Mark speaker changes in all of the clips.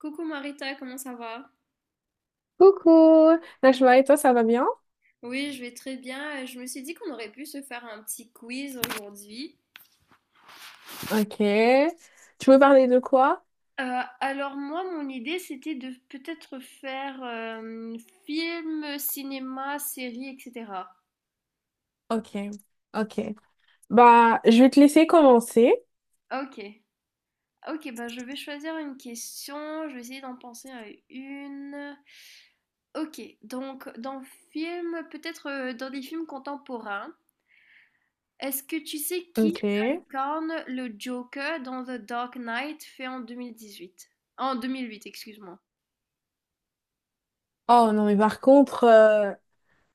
Speaker 1: Coucou Marita, comment ça va?
Speaker 2: Coucou, Najma, et toi, ça va bien?
Speaker 1: Oui, je vais très bien. Je me suis dit qu'on aurait pu se faire un petit quiz aujourd'hui.
Speaker 2: Ok. Tu veux parler de quoi?
Speaker 1: Alors moi, mon idée, c'était de peut-être faire film, cinéma, série, etc.
Speaker 2: Ok, ok. Bah, je vais te laisser commencer.
Speaker 1: Ok, ok, bah je vais choisir une question, je vais essayer d'en penser à une. Ok, donc dans film, peut-être dans des films contemporains. Est-ce que tu sais qui
Speaker 2: Ok.
Speaker 1: incarne le Joker dans The Dark Knight fait en 2018? En 2008, excuse-moi.
Speaker 2: Oh non, mais par contre,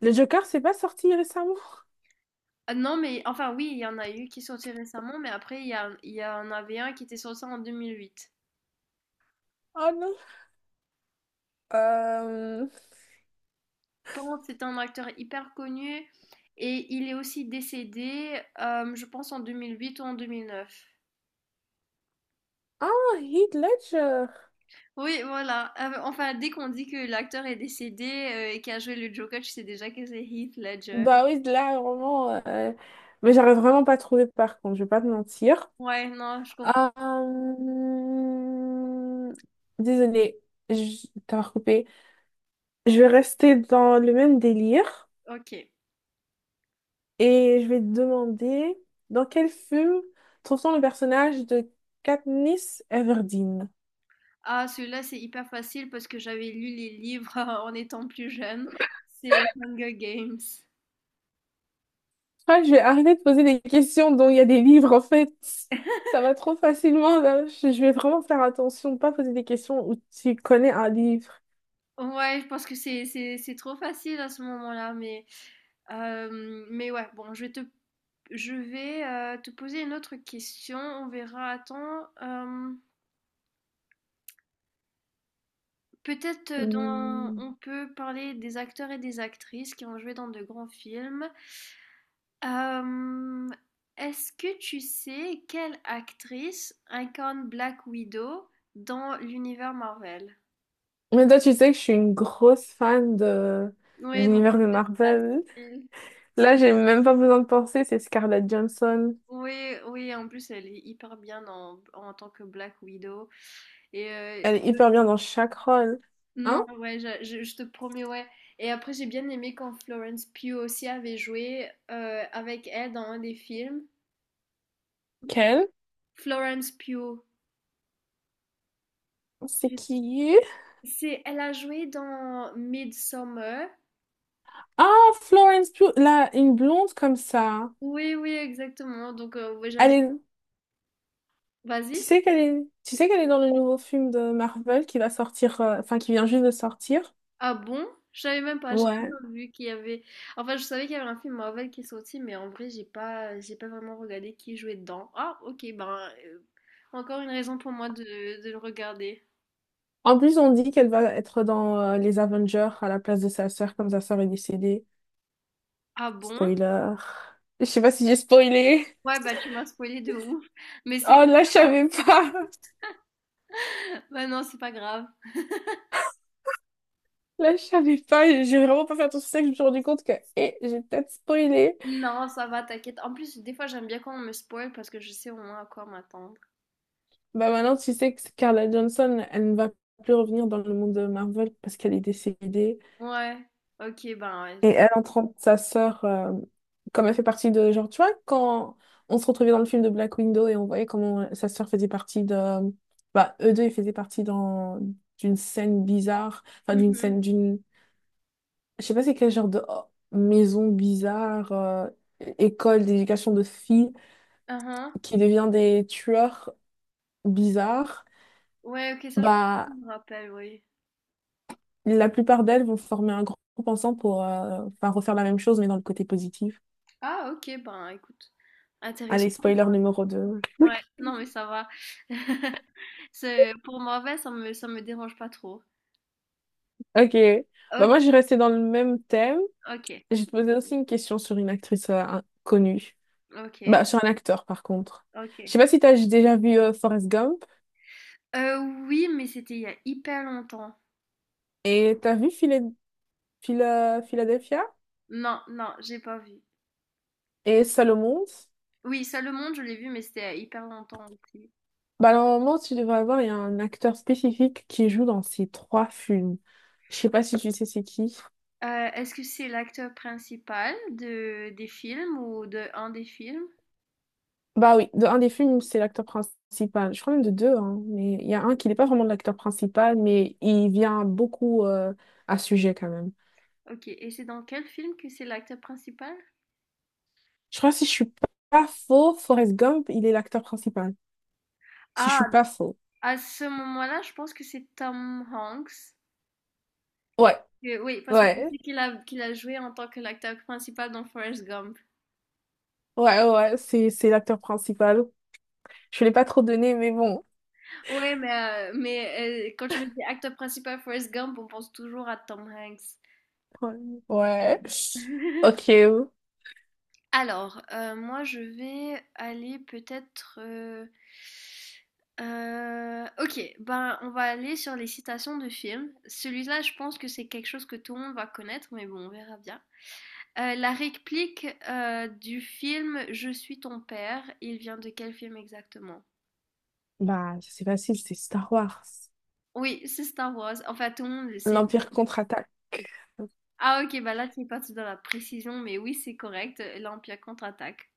Speaker 2: le Joker, c'est pas sorti récemment?
Speaker 1: Ah non, mais enfin oui, il y en a eu qui sont sortis récemment, mais après il y en avait un qui était sorti en 2008.
Speaker 2: Oh non. Euh...
Speaker 1: Bon, c'est un acteur hyper connu et il est aussi décédé, je pense en 2008 ou en 2009.
Speaker 2: Ah, Heath Ledger.
Speaker 1: Oui, voilà. Enfin, dès qu'on dit que l'acteur est décédé et qu'il a joué le Joker, tu sais déjà que c'est Heath Ledger.
Speaker 2: Bah oui, là, vraiment... Mais j'arrive vraiment pas à trouver, par contre, je vais pas te mentir.
Speaker 1: Ouais, non, je comprends.
Speaker 2: Euh... Désolée, je t'ai recoupé. Je vais rester dans le même délire
Speaker 1: Ok.
Speaker 2: et je vais te demander dans quel film trouve-t-on le personnage de Katniss Everdeen?
Speaker 1: Ah, celui-là, c'est hyper facile parce que j'avais lu les livres en étant plus jeune. C'est Hunger Games.
Speaker 2: Ah, je vais arrêter de poser des questions dont il y a des livres en fait. Ça va trop facilement là. Je vais vraiment faire attention de pas poser des questions où tu connais un livre.
Speaker 1: Ouais, je pense que c'est trop facile à ce moment-là, mais ouais, bon, je vais te poser une autre question. On verra. Attends, peut-être
Speaker 2: Hum.
Speaker 1: on peut parler des acteurs et des actrices qui ont joué dans de grands films. Hem, est-ce que tu sais quelle actrice incarne Black Widow dans l'univers Marvel?
Speaker 2: Mais toi, tu sais que je suis une grosse fan de
Speaker 1: Oui, donc
Speaker 2: l'univers
Speaker 1: ça
Speaker 2: de
Speaker 1: peut être
Speaker 2: Marvel.
Speaker 1: facile.
Speaker 2: Là, j'ai même pas besoin de penser, c'est Scarlett Johansson.
Speaker 1: Oui, oui, en plus elle est hyper bien en tant que Black Widow. Et euh,
Speaker 2: Elle est
Speaker 1: je-
Speaker 2: hyper bien dans chaque rôle. Hein.
Speaker 1: non, ouais, je te promets, ouais. Et après, j'ai bien aimé quand Florence Pugh aussi avait joué avec elle dans un des films.
Speaker 2: Quelle?
Speaker 1: Florence Pugh.
Speaker 2: C'est
Speaker 1: Je-
Speaker 2: qui?
Speaker 1: elle a joué dans Midsommar.
Speaker 2: Ah, Florence Pugh, là, une blonde comme ça.
Speaker 1: Oui, oui, exactement. Donc, ouais,
Speaker 2: Elle
Speaker 1: j'avais.
Speaker 2: est,
Speaker 1: Vas-y.
Speaker 2: tu sais qu'elle est dans le nouveau film de Marvel qui va sortir, enfin qui vient juste de sortir.
Speaker 1: Ah bon? Je savais même pas. J'ai même
Speaker 2: Ouais.
Speaker 1: pas vu qu'il y avait. Enfin, je savais qu'il y avait un film Marvel qui est sorti, mais en vrai, j'ai pas vraiment regardé qui jouait dedans. Ah, ok. Ben, euh, encore une raison pour moi de le regarder.
Speaker 2: En plus, on dit qu'elle va être dans les Avengers à la place de sa sœur, comme sa sœur est décédée.
Speaker 1: Ah bon?
Speaker 2: Spoiler. Je sais pas si j'ai spoilé.
Speaker 1: Ouais, bah tu m'as spoilé de ouf. Mais c'est pas
Speaker 2: Oh, là, je
Speaker 1: grave.
Speaker 2: savais pas.
Speaker 1: Bah non, c'est pas grave.
Speaker 2: Là, je savais pas. J'ai vraiment pas fait attention. C'est ça que je me suis rendu compte que, eh, j'ai peut-être spoilé.
Speaker 1: Non, ça va, t'inquiète. En plus, des fois, j'aime bien quand on me spoil parce que je sais au moins à quoi m'attendre.
Speaker 2: Bah maintenant, tu sais que Scarlett Johnson, elle ne va plus revenir dans le monde de Marvel parce qu'elle est décédée.
Speaker 1: Ouais. Ok, ben, ouais.
Speaker 2: Et elle entend sa sœur, comme elle fait partie de... Genre, tu vois, quand on se retrouvait dans le film de Black Widow et on voyait comment sa sœur faisait partie de... Bah, eux deux, ils faisaient partie dans... d'une scène bizarre. Enfin, d'une
Speaker 1: Mhm.
Speaker 2: scène d'une... Je sais pas c'est quel genre de oh, maison bizarre, école d'éducation de filles qui devient des tueurs bizarres.
Speaker 1: Ouais, OK, ça, je
Speaker 2: Bah,
Speaker 1: me rappelle, oui.
Speaker 2: la plupart d'elles vont former un groupe ensemble pour enfin, refaire la même chose, mais dans le côté positif.
Speaker 1: Ah OK, ben, écoute,
Speaker 2: Allez,
Speaker 1: intéressant tout
Speaker 2: spoiler
Speaker 1: ça.
Speaker 2: numéro deux.
Speaker 1: Ouais, non, mais ça va. Pour mauvais, ça me dérange pas trop.
Speaker 2: Ok. Bah,
Speaker 1: Ok,
Speaker 2: moi, j'ai resté dans le même thème.
Speaker 1: OK,
Speaker 2: J'ai posé aussi une question sur une actrice connue.
Speaker 1: OK,
Speaker 2: Bah, sur un acteur, par contre. Je
Speaker 1: OK.
Speaker 2: sais pas si t'as déjà vu Forrest Gump
Speaker 1: Euh, oui, mais c'était il y a hyper longtemps.
Speaker 2: et t'as vu Philadelphia
Speaker 1: Non, non, j'ai pas vu.
Speaker 2: et Salomon.
Speaker 1: Oui, ça, le monde, je l'ai vu, mais c'était il y a hyper longtemps aussi.
Speaker 2: Bah, normalement, tu devrais avoir, il y a un acteur spécifique qui joue dans ces trois films. Je sais pas si tu sais c'est qui.
Speaker 1: Est-ce que c'est l'acteur principal des films ou de un des films?
Speaker 2: Bah oui, de un des films, c'est l'acteur principal. Je crois même de deux, hein, mais il y a un qui n'est pas vraiment l'acteur principal, mais il vient beaucoup à sujet quand même.
Speaker 1: Ok, et c'est dans quel film que c'est l'acteur principal?
Speaker 2: Je crois que si je suis pas faux, Forrest Gump, il est l'acteur principal. Si
Speaker 1: Ah,
Speaker 2: je suis pas faux.
Speaker 1: à ce moment-là, je pense que c'est Tom Hanks.
Speaker 2: Ouais,
Speaker 1: Oui, parce que je
Speaker 2: ouais,
Speaker 1: sais qu'il a joué en tant que l'acteur principal dans Forrest Gump.
Speaker 2: ouais, c'est l'acteur principal. Je l'ai pas trop donné, mais bon.
Speaker 1: Oui, mais, quand tu me dis acteur principal Forrest Gump, on pense toujours à Tom Hanks.
Speaker 2: Ouais. Ok.
Speaker 1: Alors, moi, je vais aller peut-être, ok, ben, on va aller sur les citations de films. Celui-là, je pense que c'est quelque chose que tout le monde va connaître, mais bon, on verra bien. La réplique du film Je suis ton père, il vient de quel film exactement?
Speaker 2: Bah, c'est facile, c'est Star Wars.
Speaker 1: Oui, c'est Star Wars. Enfin, tout le monde le sait.
Speaker 2: L'Empire contre-attaque.
Speaker 1: Ah, ok, bah là, tu es parti dans la précision, mais oui, c'est correct. L'Empire contre-attaque.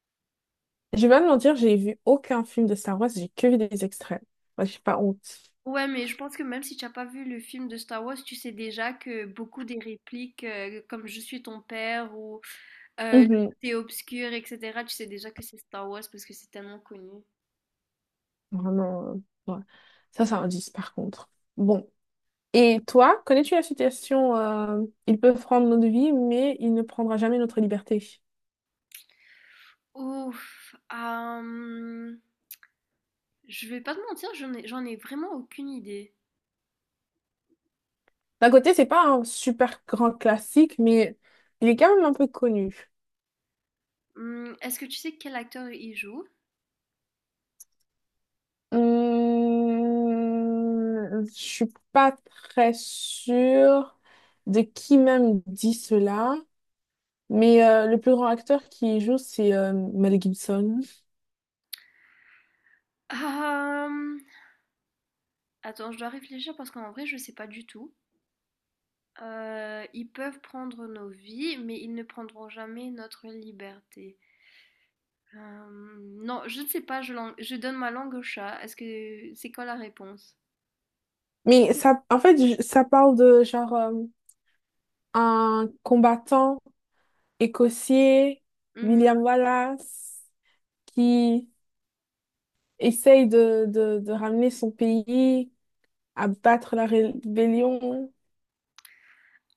Speaker 2: Je vais pas te mentir, j'ai vu aucun film de Star Wars, j'ai que vu des extraits. Moi, j'ai pas honte.
Speaker 1: Ouais, mais je pense que même si tu n'as pas vu le film de Star Wars, tu sais déjà que beaucoup des répliques, comme Je suis ton père ou le
Speaker 2: Mhm.
Speaker 1: côté obscur, etc., tu sais déjà que c'est Star Wars parce que c'est tellement connu.
Speaker 2: Vraiment, ouais. Ça, c'est un 10 par contre. Bon. Et toi, connais-tu la citation Il peut prendre notre vie, mais il ne prendra jamais notre liberté.
Speaker 1: Ouf, je vais pas te mentir, j'en ai vraiment aucune idée.
Speaker 2: D'un côté, c'est pas un super grand classique, mais il est quand même un peu connu.
Speaker 1: Mmh, est-ce que tu sais quel acteur il joue?
Speaker 2: Je suis pas très sûre de qui même dit cela. Mais le plus grand acteur qui y joue, c'est Mel Gibson.
Speaker 1: Hem, attends, je dois réfléchir parce qu'en vrai, je sais pas du tout. Ils peuvent prendre nos vies, mais ils ne prendront jamais notre liberté. Non, je ne sais pas, je, je donne ma langue au chat. Est-ce que c'est quoi la réponse?
Speaker 2: Mais ça, en fait, je- Ça parle de genre un combattant écossais,
Speaker 1: Hum,
Speaker 2: William Wallace, qui essaye de ramener son pays à battre la rébellion.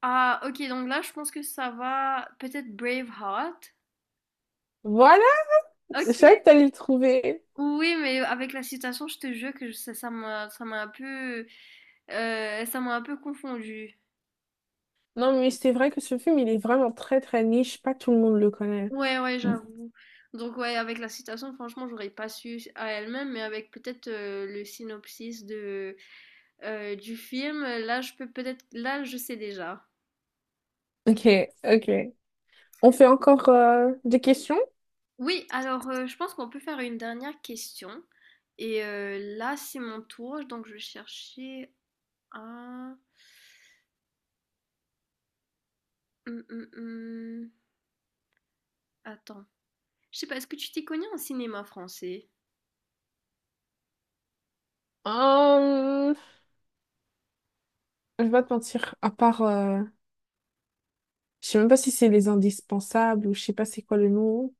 Speaker 1: Ah ok, donc là, je pense que ça va. Peut-être Braveheart.
Speaker 2: Voilà, je savais
Speaker 1: Ok.
Speaker 2: que t'allais le trouver.
Speaker 1: Oui, mais avec la citation, je te jure que ça m'a un peu confondu.
Speaker 2: Non, mais c'est vrai que ce film, il est vraiment très, très niche. Pas tout le monde le connaît.
Speaker 1: Ouais, ouais, j'avoue. Donc, ouais, avec la citation, franchement, j'aurais pas su à elle-même, mais avec peut-être le synopsis du film, là, je peux peut-être, là, je sais déjà.
Speaker 2: Ok, ok. On fait encore des questions?
Speaker 1: Oui, alors, je pense qu'on peut faire une dernière question. Et là, c'est mon tour, donc je vais chercher un. Hum, hum, hum. Attends. Je sais pas, est-ce que tu t'y connais en cinéma français?
Speaker 2: Hum, je vais pas te mentir, à part, je sais même pas si c'est les indispensables ou je sais pas c'est quoi le nom.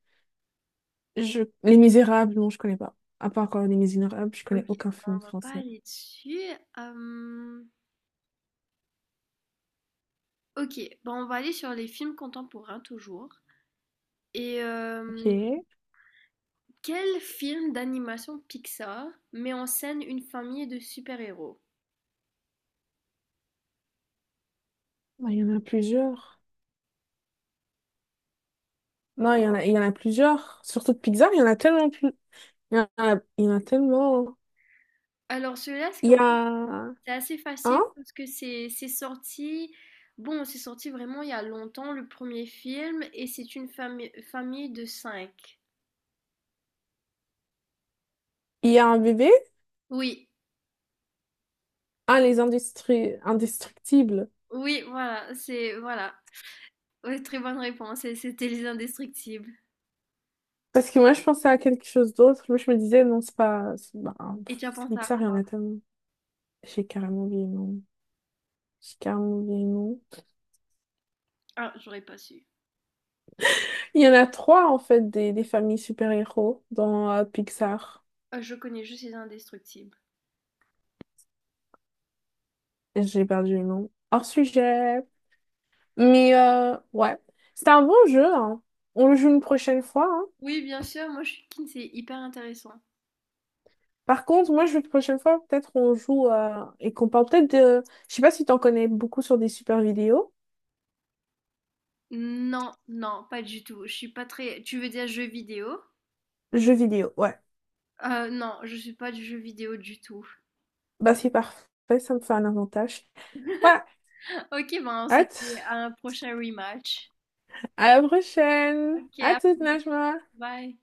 Speaker 2: Je... Les Misérables, non, je connais pas. À part Les Misérables, je connais
Speaker 1: Ok,
Speaker 2: aucun
Speaker 1: bon, on
Speaker 2: film
Speaker 1: va pas
Speaker 2: français.
Speaker 1: aller dessus. Hum, Ok, bah on va aller sur les films contemporains toujours. Et
Speaker 2: Ok. Ah,
Speaker 1: quel film d'animation Pixar met en scène une famille de super-héros?
Speaker 2: il y en a plusieurs. Non, il y en a plusieurs. Surtout de Pixar, il y en a tellement plus. Il y en a tellement.
Speaker 1: Alors celui-là,
Speaker 2: Il y a
Speaker 1: c'est assez facile
Speaker 2: un,
Speaker 1: parce que c'est sorti, bon, c'est sorti vraiment il y a longtemps, le premier film, et c'est une famille de cinq.
Speaker 2: il y a un bébé,
Speaker 1: Oui,
Speaker 2: un, les industries indestructibles.
Speaker 1: oui, voilà, voilà. Ouais, très bonne réponse, et c'était Les Indestructibles.
Speaker 2: Parce que moi, je pensais à quelque chose d'autre. Moi, je me disais, non, c'est pas. C'est bah,
Speaker 1: Et
Speaker 2: pff,
Speaker 1: tu as
Speaker 2: c'est
Speaker 1: pensé à
Speaker 2: Pixar, il y en
Speaker 1: quoi?
Speaker 2: a tellement. J'ai carrément oublié le nom. J'ai carrément oublié le nom.
Speaker 1: Ah, j'aurais pas su.
Speaker 2: Il y en a 3, en fait, des familles super-héros dans Pixar.
Speaker 1: Je connais juste Les Indestructibles.
Speaker 2: J'ai perdu le nom. Hors sujet. Mais ouais, c'était un bon jeu, hein. On le joue une prochaine fois, hein.
Speaker 1: Oui, bien sûr, moi je suis keen, c'est hyper intéressant.
Speaker 2: Par contre, moi, je veux que la prochaine fois, peut-être on joue et qu'on parle peut-être de... Je sais pas si t'en connais beaucoup sur des super vidéos.
Speaker 1: Non, non, pas du tout. Je suis pas très. Tu veux dire jeu vidéo?
Speaker 2: Jeux vidéo, ouais.
Speaker 1: Non, je suis pas du jeu vidéo du tout.
Speaker 2: Bah, c'est parfait. Ça me fait un avantage. Ouais,
Speaker 1: Ok, ben on se
Speaker 2: hâte.
Speaker 1: dit à un prochain rematch.
Speaker 2: À la prochaine.
Speaker 1: Ok,
Speaker 2: À
Speaker 1: à
Speaker 2: toute,
Speaker 1: plus,
Speaker 2: Najma.
Speaker 1: bye.